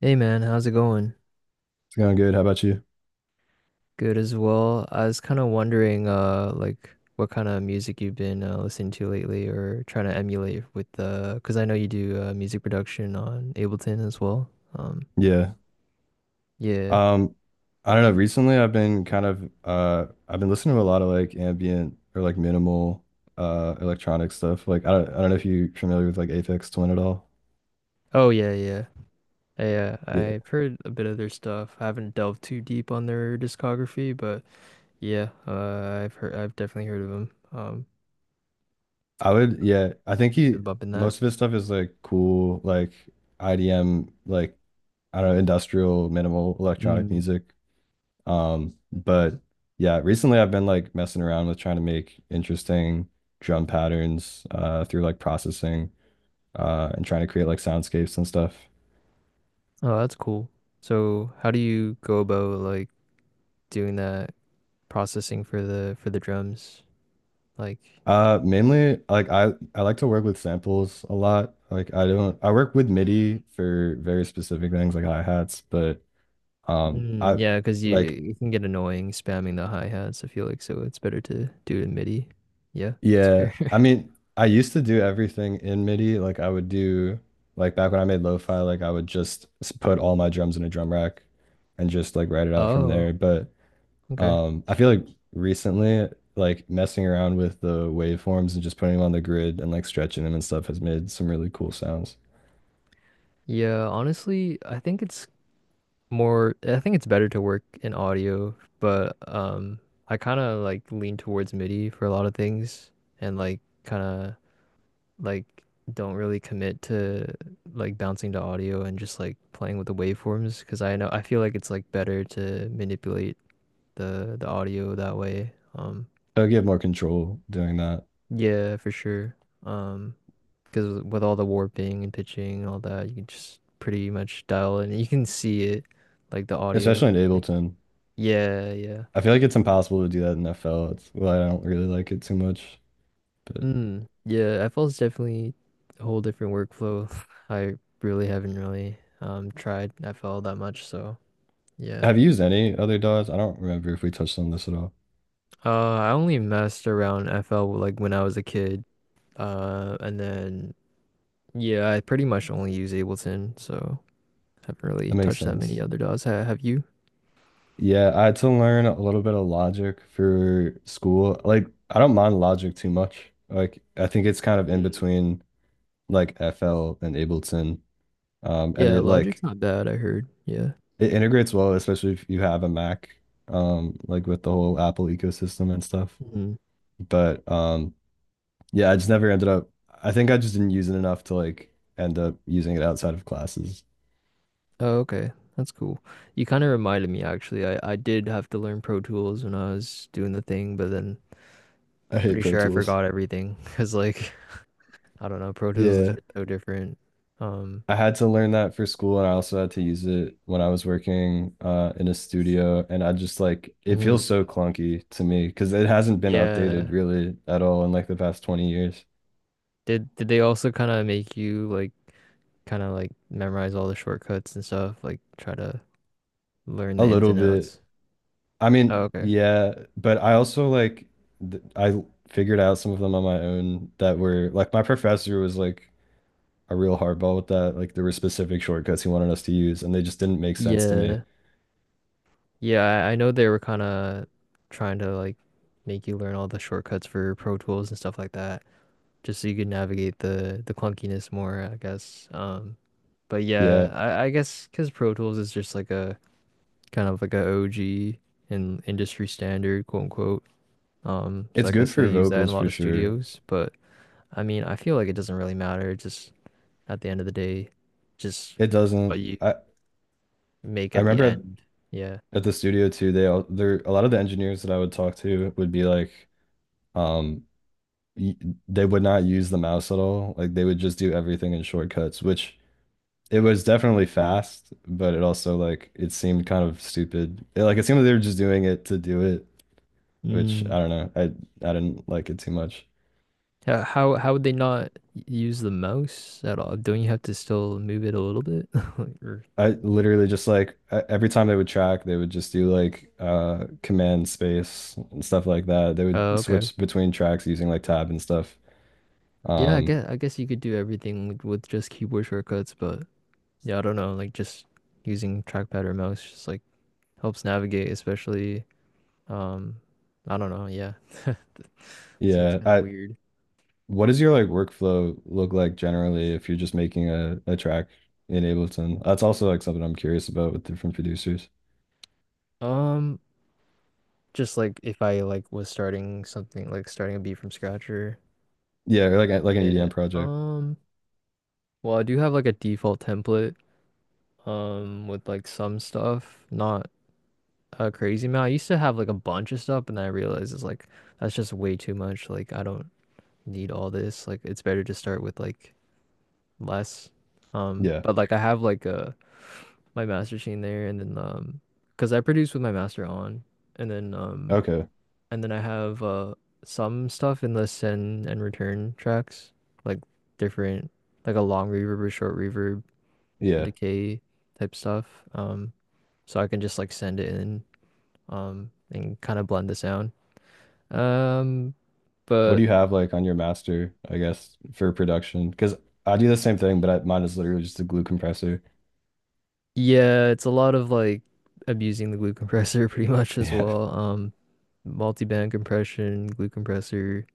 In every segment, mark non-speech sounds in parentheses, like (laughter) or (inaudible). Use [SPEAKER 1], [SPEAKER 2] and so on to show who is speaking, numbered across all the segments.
[SPEAKER 1] Hey man, how's it going?
[SPEAKER 2] It's going good. How about you?
[SPEAKER 1] Good as well. I was kind of wondering, what kind of music you've been listening to lately or trying to emulate with the, because I know you do music production on Ableton as well. Um,
[SPEAKER 2] Yeah.
[SPEAKER 1] yeah.
[SPEAKER 2] Um, I don't know. Recently, I've been I've been listening to a lot of like ambient or like minimal electronic stuff. Like I don't know if you're familiar with like Aphex Twin at all.
[SPEAKER 1] Oh yeah, yeah. Yeah,
[SPEAKER 2] Yeah,
[SPEAKER 1] I've heard a bit of their stuff. I haven't delved too deep on their discography, but yeah, I've heard, I've definitely heard of them.
[SPEAKER 2] I would. Yeah, I think he
[SPEAKER 1] Been bumping that.
[SPEAKER 2] most of his stuff is like cool, like IDM, like I don't know, industrial minimal electronic
[SPEAKER 1] Mm.
[SPEAKER 2] music. But yeah, recently I've been like messing around with trying to make interesting drum patterns through like processing. And trying to create like soundscapes and stuff.
[SPEAKER 1] Oh, that's cool. So, how do you go about like doing that? Processing for the drums. Like,
[SPEAKER 2] Mainly like I like to work with samples a lot. Like I don't I work with MIDI for very specific things like hi-hats, but
[SPEAKER 1] mm,
[SPEAKER 2] I
[SPEAKER 1] yeah, because you
[SPEAKER 2] like
[SPEAKER 1] you can get annoying spamming the hi hats. I feel like so it's better to do it in MIDI. Yeah, that's
[SPEAKER 2] yeah,
[SPEAKER 1] fair.
[SPEAKER 2] I
[SPEAKER 1] (laughs)
[SPEAKER 2] mean I used to do everything in MIDI. Like I would do like back when I made lo-fi, like I would just put all my drums in a drum rack and just like write it out from
[SPEAKER 1] Oh,
[SPEAKER 2] there. But
[SPEAKER 1] okay.
[SPEAKER 2] I feel like recently, like messing around with the waveforms and just putting them on the grid and like stretching them and stuff has made some really cool sounds.
[SPEAKER 1] Yeah, honestly, I think it's more. I think it's better to work in audio, but I kind of like lean towards MIDI for a lot of things, and like kind of like don't really commit to like bouncing to audio and just like playing with the waveforms because I know I feel like it's like better to manipulate the audio that way.
[SPEAKER 2] I get more control doing that,
[SPEAKER 1] Yeah, for sure. Um, because with all the warping and pitching and all that, you can just pretty much dial in. You can see it, like the audio.
[SPEAKER 2] especially in
[SPEAKER 1] Like
[SPEAKER 2] Ableton.
[SPEAKER 1] yeah, yeah.
[SPEAKER 2] I feel like it's impossible to do that in FL. It's well, I don't really like it too much. But
[SPEAKER 1] Mm, yeah, FL's definitely a whole different workflow. (laughs) I really haven't really tried FL that much, so yeah.
[SPEAKER 2] have you used any other DAWs? I don't remember if we touched on this at all.
[SPEAKER 1] I only messed around FL like when I was a kid. And then yeah, I pretty much only use Ableton, so haven't really
[SPEAKER 2] That makes
[SPEAKER 1] touched that many
[SPEAKER 2] sense.
[SPEAKER 1] other DAWs. Ha have you?
[SPEAKER 2] Yeah, I had to learn a little bit of Logic for school. Like, I don't mind Logic too much. Like, I think it's kind of in
[SPEAKER 1] Mm.
[SPEAKER 2] between like FL and Ableton. And
[SPEAKER 1] Yeah,
[SPEAKER 2] it
[SPEAKER 1] Logic's
[SPEAKER 2] like
[SPEAKER 1] not bad, I heard. Yeah.
[SPEAKER 2] It integrates well, especially if you have a Mac, like with the whole Apple ecosystem and stuff.
[SPEAKER 1] Hmm.
[SPEAKER 2] But yeah, I just never ended up. I think I just didn't use it enough to like end up using it outside of classes.
[SPEAKER 1] Oh, okay. That's cool. You kind of reminded me actually. I did have to learn Pro Tools when I was doing the thing, but then
[SPEAKER 2] I
[SPEAKER 1] I'm
[SPEAKER 2] hate
[SPEAKER 1] pretty
[SPEAKER 2] Pro
[SPEAKER 1] sure I
[SPEAKER 2] Tools.
[SPEAKER 1] forgot everything (laughs) because like I don't know, Pro Tools is
[SPEAKER 2] Yeah.
[SPEAKER 1] just so different. Um,
[SPEAKER 2] I had to learn that for school, and I also had to use it when I was working in a studio. And I just like it feels
[SPEAKER 1] mhm.
[SPEAKER 2] so clunky to me because it hasn't been updated
[SPEAKER 1] Yeah.
[SPEAKER 2] really at all in like the past 20 years.
[SPEAKER 1] Did they also kind of make you like kind of like memorize all the shortcuts and stuff, like try to learn
[SPEAKER 2] A
[SPEAKER 1] the ins
[SPEAKER 2] little
[SPEAKER 1] and
[SPEAKER 2] bit,
[SPEAKER 1] outs?
[SPEAKER 2] I
[SPEAKER 1] Oh,
[SPEAKER 2] mean,
[SPEAKER 1] okay.
[SPEAKER 2] yeah, but I also like th I figured out some of them on my own that were like my professor was like a real hardball with that. Like there were specific shortcuts he wanted us to use and they just didn't make sense to me.
[SPEAKER 1] Yeah. Yeah, I know they were kind of trying to like make you learn all the shortcuts for Pro Tools and stuff like that, just so you could navigate the clunkiness more, I guess. But
[SPEAKER 2] Yeah.
[SPEAKER 1] yeah, I guess because Pro Tools is just like a kind of like a OG and industry standard, quote unquote. So
[SPEAKER 2] It's
[SPEAKER 1] I
[SPEAKER 2] good
[SPEAKER 1] guess they
[SPEAKER 2] for
[SPEAKER 1] use that in
[SPEAKER 2] vocals
[SPEAKER 1] a lot
[SPEAKER 2] for
[SPEAKER 1] of
[SPEAKER 2] sure.
[SPEAKER 1] studios, but I mean, I feel like it doesn't really matter. Just at the end of the day, just
[SPEAKER 2] It doesn't
[SPEAKER 1] what you make
[SPEAKER 2] I
[SPEAKER 1] at the
[SPEAKER 2] remember
[SPEAKER 1] end. Yeah.
[SPEAKER 2] at the studio too, they all there a lot of the engineers that I would talk to would be like um y- they would not use the mouse at all. Like they would just do everything in shortcuts, which it was definitely fast, but it also like it seemed kind of stupid. It seemed like they were just doing it to do it, which
[SPEAKER 1] Mm.
[SPEAKER 2] I don't know. I didn't like it too much.
[SPEAKER 1] How would they not use the mouse at all? Don't you have to still move it a little bit? (laughs) Or-
[SPEAKER 2] I literally just like every time they would track, they would just do like command space and stuff like that. They
[SPEAKER 1] oh,
[SPEAKER 2] would
[SPEAKER 1] okay.
[SPEAKER 2] switch between tracks using like tab and stuff.
[SPEAKER 1] Yeah, I
[SPEAKER 2] Um
[SPEAKER 1] guess I guess you could do everything with just keyboard shortcuts, but yeah, I don't know, like just using trackpad or mouse just like helps navigate, especially um I don't know, yeah. (laughs) Seems
[SPEAKER 2] yeah,
[SPEAKER 1] kind of
[SPEAKER 2] I
[SPEAKER 1] weird.
[SPEAKER 2] What does your like workflow look like generally if you're just making a track in Ableton? That's also like something I'm curious about with different producers.
[SPEAKER 1] Um, Just like if I like was starting something like starting a beat from scratch or
[SPEAKER 2] Yeah, or like like an EDM
[SPEAKER 1] yeah.
[SPEAKER 2] project.
[SPEAKER 1] Well, I do have like a default template with like some stuff, not a crazy amount. I used to have like a bunch of stuff, and then I realized it's like that's just way too much. Like I don't need all this. Like it's better to start with like less.
[SPEAKER 2] Yeah.
[SPEAKER 1] But like I have like my master machine there, and then because I produce with my master on, and then.
[SPEAKER 2] Okay.
[SPEAKER 1] And then I have some stuff in the send and return tracks, like different, like a long reverb or short reverb, a
[SPEAKER 2] Yeah.
[SPEAKER 1] decay type stuff. Um, so I can just like send it in, and kind of blend the sound. Um,
[SPEAKER 2] What do
[SPEAKER 1] but
[SPEAKER 2] you have like on your master, I guess, for production? Because I do the same thing, but I, mine is literally just a glue compressor. (laughs)
[SPEAKER 1] yeah, it's a lot of like abusing the glue compressor (laughs) pretty much as
[SPEAKER 2] Yeah.
[SPEAKER 1] well. Multi-band compression, glue compressor,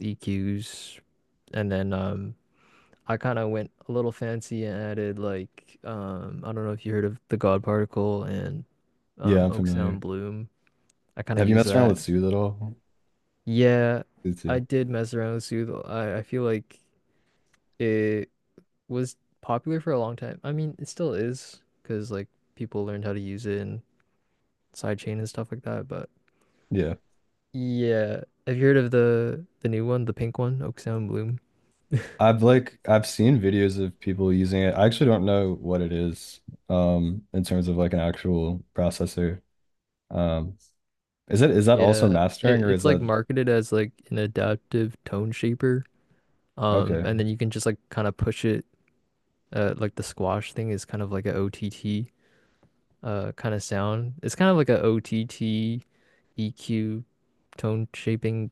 [SPEAKER 1] EQs, and then I kind of went a little fancy and added like I don't know if you heard of the God Particle and
[SPEAKER 2] Yeah, I'm
[SPEAKER 1] Oak Sound
[SPEAKER 2] familiar.
[SPEAKER 1] Bloom. I kind of
[SPEAKER 2] Have you
[SPEAKER 1] use
[SPEAKER 2] messed around
[SPEAKER 1] that.
[SPEAKER 2] with Sue at all?
[SPEAKER 1] Yeah,
[SPEAKER 2] Me
[SPEAKER 1] I
[SPEAKER 2] too.
[SPEAKER 1] did mess around with Sooth. I feel like it was popular for a long time. I mean, it still is because like people learned how to use it and sidechain and stuff like that. But
[SPEAKER 2] Yeah.
[SPEAKER 1] yeah, have you heard of the new one, the pink one, Oak Sound Bloom?
[SPEAKER 2] I've seen videos of people using it. I actually don't know what it is, in terms of like an actual processor. Um, is that also
[SPEAKER 1] Yeah, it,
[SPEAKER 2] mastering or is
[SPEAKER 1] it's like
[SPEAKER 2] that
[SPEAKER 1] marketed as like an adaptive tone shaper.
[SPEAKER 2] okay?
[SPEAKER 1] And then you can just like kind of push it. Like the squash thing is kind of like a OTT kind of sound. It's kind of like a OTT EQ tone shaping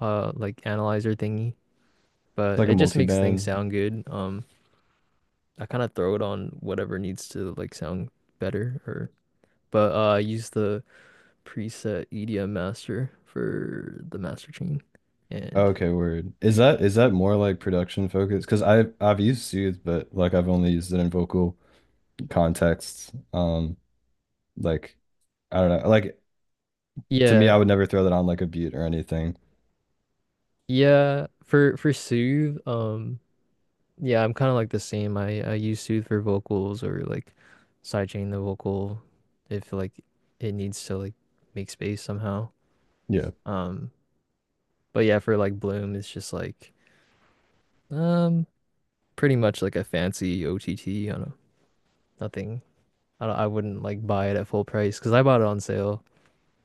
[SPEAKER 1] like analyzer thingy,
[SPEAKER 2] It's
[SPEAKER 1] but
[SPEAKER 2] like a
[SPEAKER 1] it just makes things
[SPEAKER 2] multi-band.
[SPEAKER 1] sound good. I kind of throw it on whatever needs to like sound better or but I use the preset EDM master for the master chain and
[SPEAKER 2] Okay, word. Is that more like production focused? Because I've used Soothe, but like I've only used it in vocal contexts. Like I don't know. Like to me,
[SPEAKER 1] yeah,
[SPEAKER 2] I would never throw that on like a beat or anything.
[SPEAKER 1] yeah, for Soothe, Yeah, I'm kind of like the same. I use Sooth for vocals or like sidechain the vocal if like it needs to like make space somehow.
[SPEAKER 2] Yeah.
[SPEAKER 1] Um, but yeah, for like Bloom, it's just like um pretty much like a fancy OTT on know nothing. I don't- I wouldn't like buy it at full price because I bought it on sale.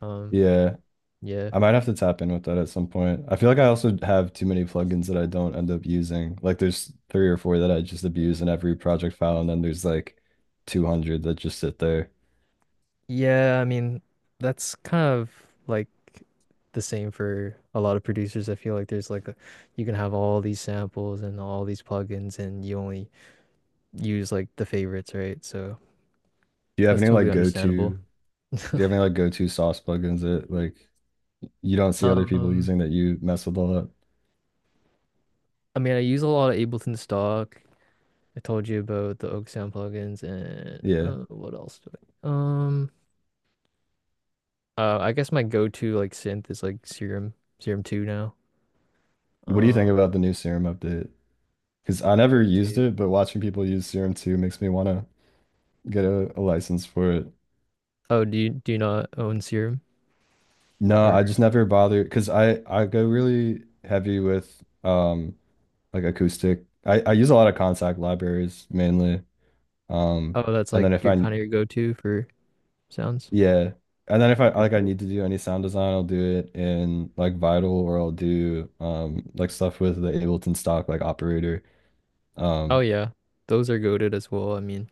[SPEAKER 1] Um,
[SPEAKER 2] Yeah.
[SPEAKER 1] yeah.
[SPEAKER 2] I might have to tap in with that at some point. I feel like I also have too many plugins that I don't end up using. Like there's three or four that I just abuse in every project file, and then there's like 200 that just sit there.
[SPEAKER 1] Yeah, I mean, that's kind of like the same for a lot of producers. I feel like there's like a, you can have all these samples and all these plugins and you only use like the favorites, right? So
[SPEAKER 2] Do you have
[SPEAKER 1] that's
[SPEAKER 2] any
[SPEAKER 1] totally
[SPEAKER 2] like go-to?
[SPEAKER 1] understandable.
[SPEAKER 2] Do you have any like go-to sauce plugins that like you don't see other people
[SPEAKER 1] Um,
[SPEAKER 2] using that you mess with all that.
[SPEAKER 1] I mean, I use a lot of Ableton stock. I told you about the Oak Sound plugins and
[SPEAKER 2] Yeah.
[SPEAKER 1] what else do I? I guess my go-to like synth is like Serum, Serum 2 now.
[SPEAKER 2] What do you think
[SPEAKER 1] Um,
[SPEAKER 2] about the new Serum update? Because I never
[SPEAKER 1] Serum
[SPEAKER 2] used
[SPEAKER 1] 2.
[SPEAKER 2] it, but watching people use Serum 2 makes me want to get a license for it.
[SPEAKER 1] Oh, do you not own Serum?
[SPEAKER 2] No, I just never bother, because I go really heavy with like acoustic. I use a lot of contact libraries mainly. Um
[SPEAKER 1] Oh, that's
[SPEAKER 2] and
[SPEAKER 1] like
[SPEAKER 2] then if
[SPEAKER 1] your
[SPEAKER 2] I
[SPEAKER 1] kind of your go-to for sounds.
[SPEAKER 2] Yeah, and then if I
[SPEAKER 1] Okay,
[SPEAKER 2] like I
[SPEAKER 1] cool.
[SPEAKER 2] need to do any sound design, I'll do it in like Vital or I'll do like stuff with the Ableton stock like operator.
[SPEAKER 1] Oh
[SPEAKER 2] Um,
[SPEAKER 1] yeah, those are goaded as well. I mean,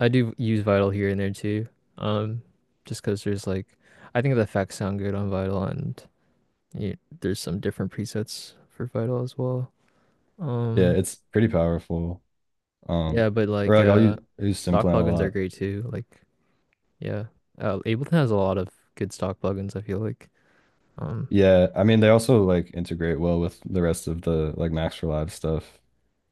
[SPEAKER 1] I do use Vital here and there too. Um, just because there's like, I think the effects sound good on Vital, and you, there's some different presets for Vital as well.
[SPEAKER 2] Yeah,
[SPEAKER 1] Um,
[SPEAKER 2] it's pretty powerful. Um,
[SPEAKER 1] yeah, but
[SPEAKER 2] or
[SPEAKER 1] like,
[SPEAKER 2] I use
[SPEAKER 1] stock
[SPEAKER 2] Simplan a
[SPEAKER 1] plugins are
[SPEAKER 2] lot.
[SPEAKER 1] great too. Like, yeah, Ableton has a lot of good stock plugins. I feel like. Um,
[SPEAKER 2] Yeah, I mean they also like integrate well with the rest of the like Max for Live stuff.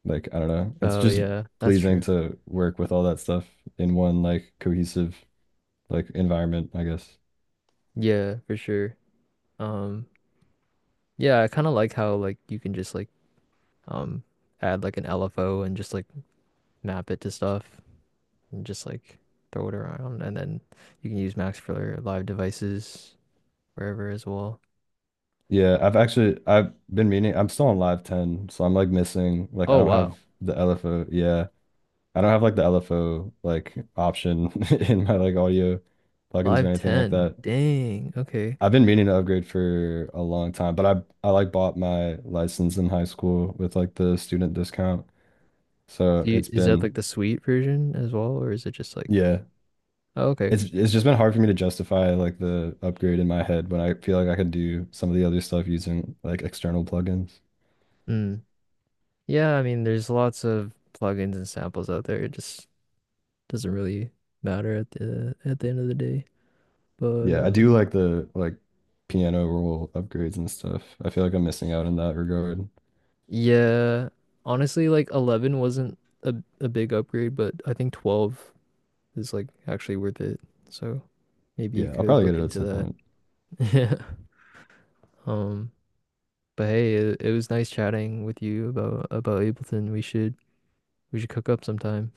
[SPEAKER 2] Like I don't know, it's
[SPEAKER 1] oh
[SPEAKER 2] just
[SPEAKER 1] yeah, that's
[SPEAKER 2] pleasing
[SPEAKER 1] true.
[SPEAKER 2] to work with all that stuff in one like cohesive like environment, I guess.
[SPEAKER 1] Yeah, for sure. Um, yeah, I kind of like how like you can just like um add like an LFO and just like map it to stuff and just like throw it around and then you can use Max for live devices wherever as well.
[SPEAKER 2] Yeah, I've been meaning. I'm still on Live 10, so I'm like missing like I
[SPEAKER 1] Oh
[SPEAKER 2] don't
[SPEAKER 1] wow.
[SPEAKER 2] have the LFO. Yeah, I don't have like the LFO like option (laughs) in my like audio plugins or
[SPEAKER 1] Live
[SPEAKER 2] anything like
[SPEAKER 1] 10.
[SPEAKER 2] that.
[SPEAKER 1] Dang. Okay.
[SPEAKER 2] I've been meaning to upgrade for a long time, but I like bought my license in high school with like the student discount. So
[SPEAKER 1] Do you,
[SPEAKER 2] it's
[SPEAKER 1] is that like
[SPEAKER 2] been
[SPEAKER 1] the suite version as well or is it just like
[SPEAKER 2] yeah,
[SPEAKER 1] oh, okay.
[SPEAKER 2] it's just been hard for me to justify like the upgrade in my head when I feel like I could do some of the other stuff using like external plugins.
[SPEAKER 1] Mm. Yeah, I mean there's lots of plugins and samples out there. It just doesn't really matter at the end of the day. But
[SPEAKER 2] Yeah, I do like the piano roll upgrades and stuff. I feel like I'm missing out in that regard.
[SPEAKER 1] Yeah, honestly, like 11 wasn't a big upgrade, but I think 12 is like actually worth it. So maybe you
[SPEAKER 2] Yeah, I'll
[SPEAKER 1] could
[SPEAKER 2] probably get
[SPEAKER 1] look
[SPEAKER 2] it at
[SPEAKER 1] into
[SPEAKER 2] some
[SPEAKER 1] that.
[SPEAKER 2] point.
[SPEAKER 1] (laughs) Yeah. Um, but hey, it was nice chatting with you about Ableton. We should cook up sometime.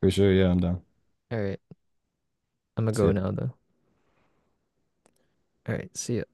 [SPEAKER 2] For sure, yeah, I'm down.
[SPEAKER 1] All right, I'm gonna
[SPEAKER 2] See
[SPEAKER 1] go
[SPEAKER 2] ya.
[SPEAKER 1] now though. All right, see ya.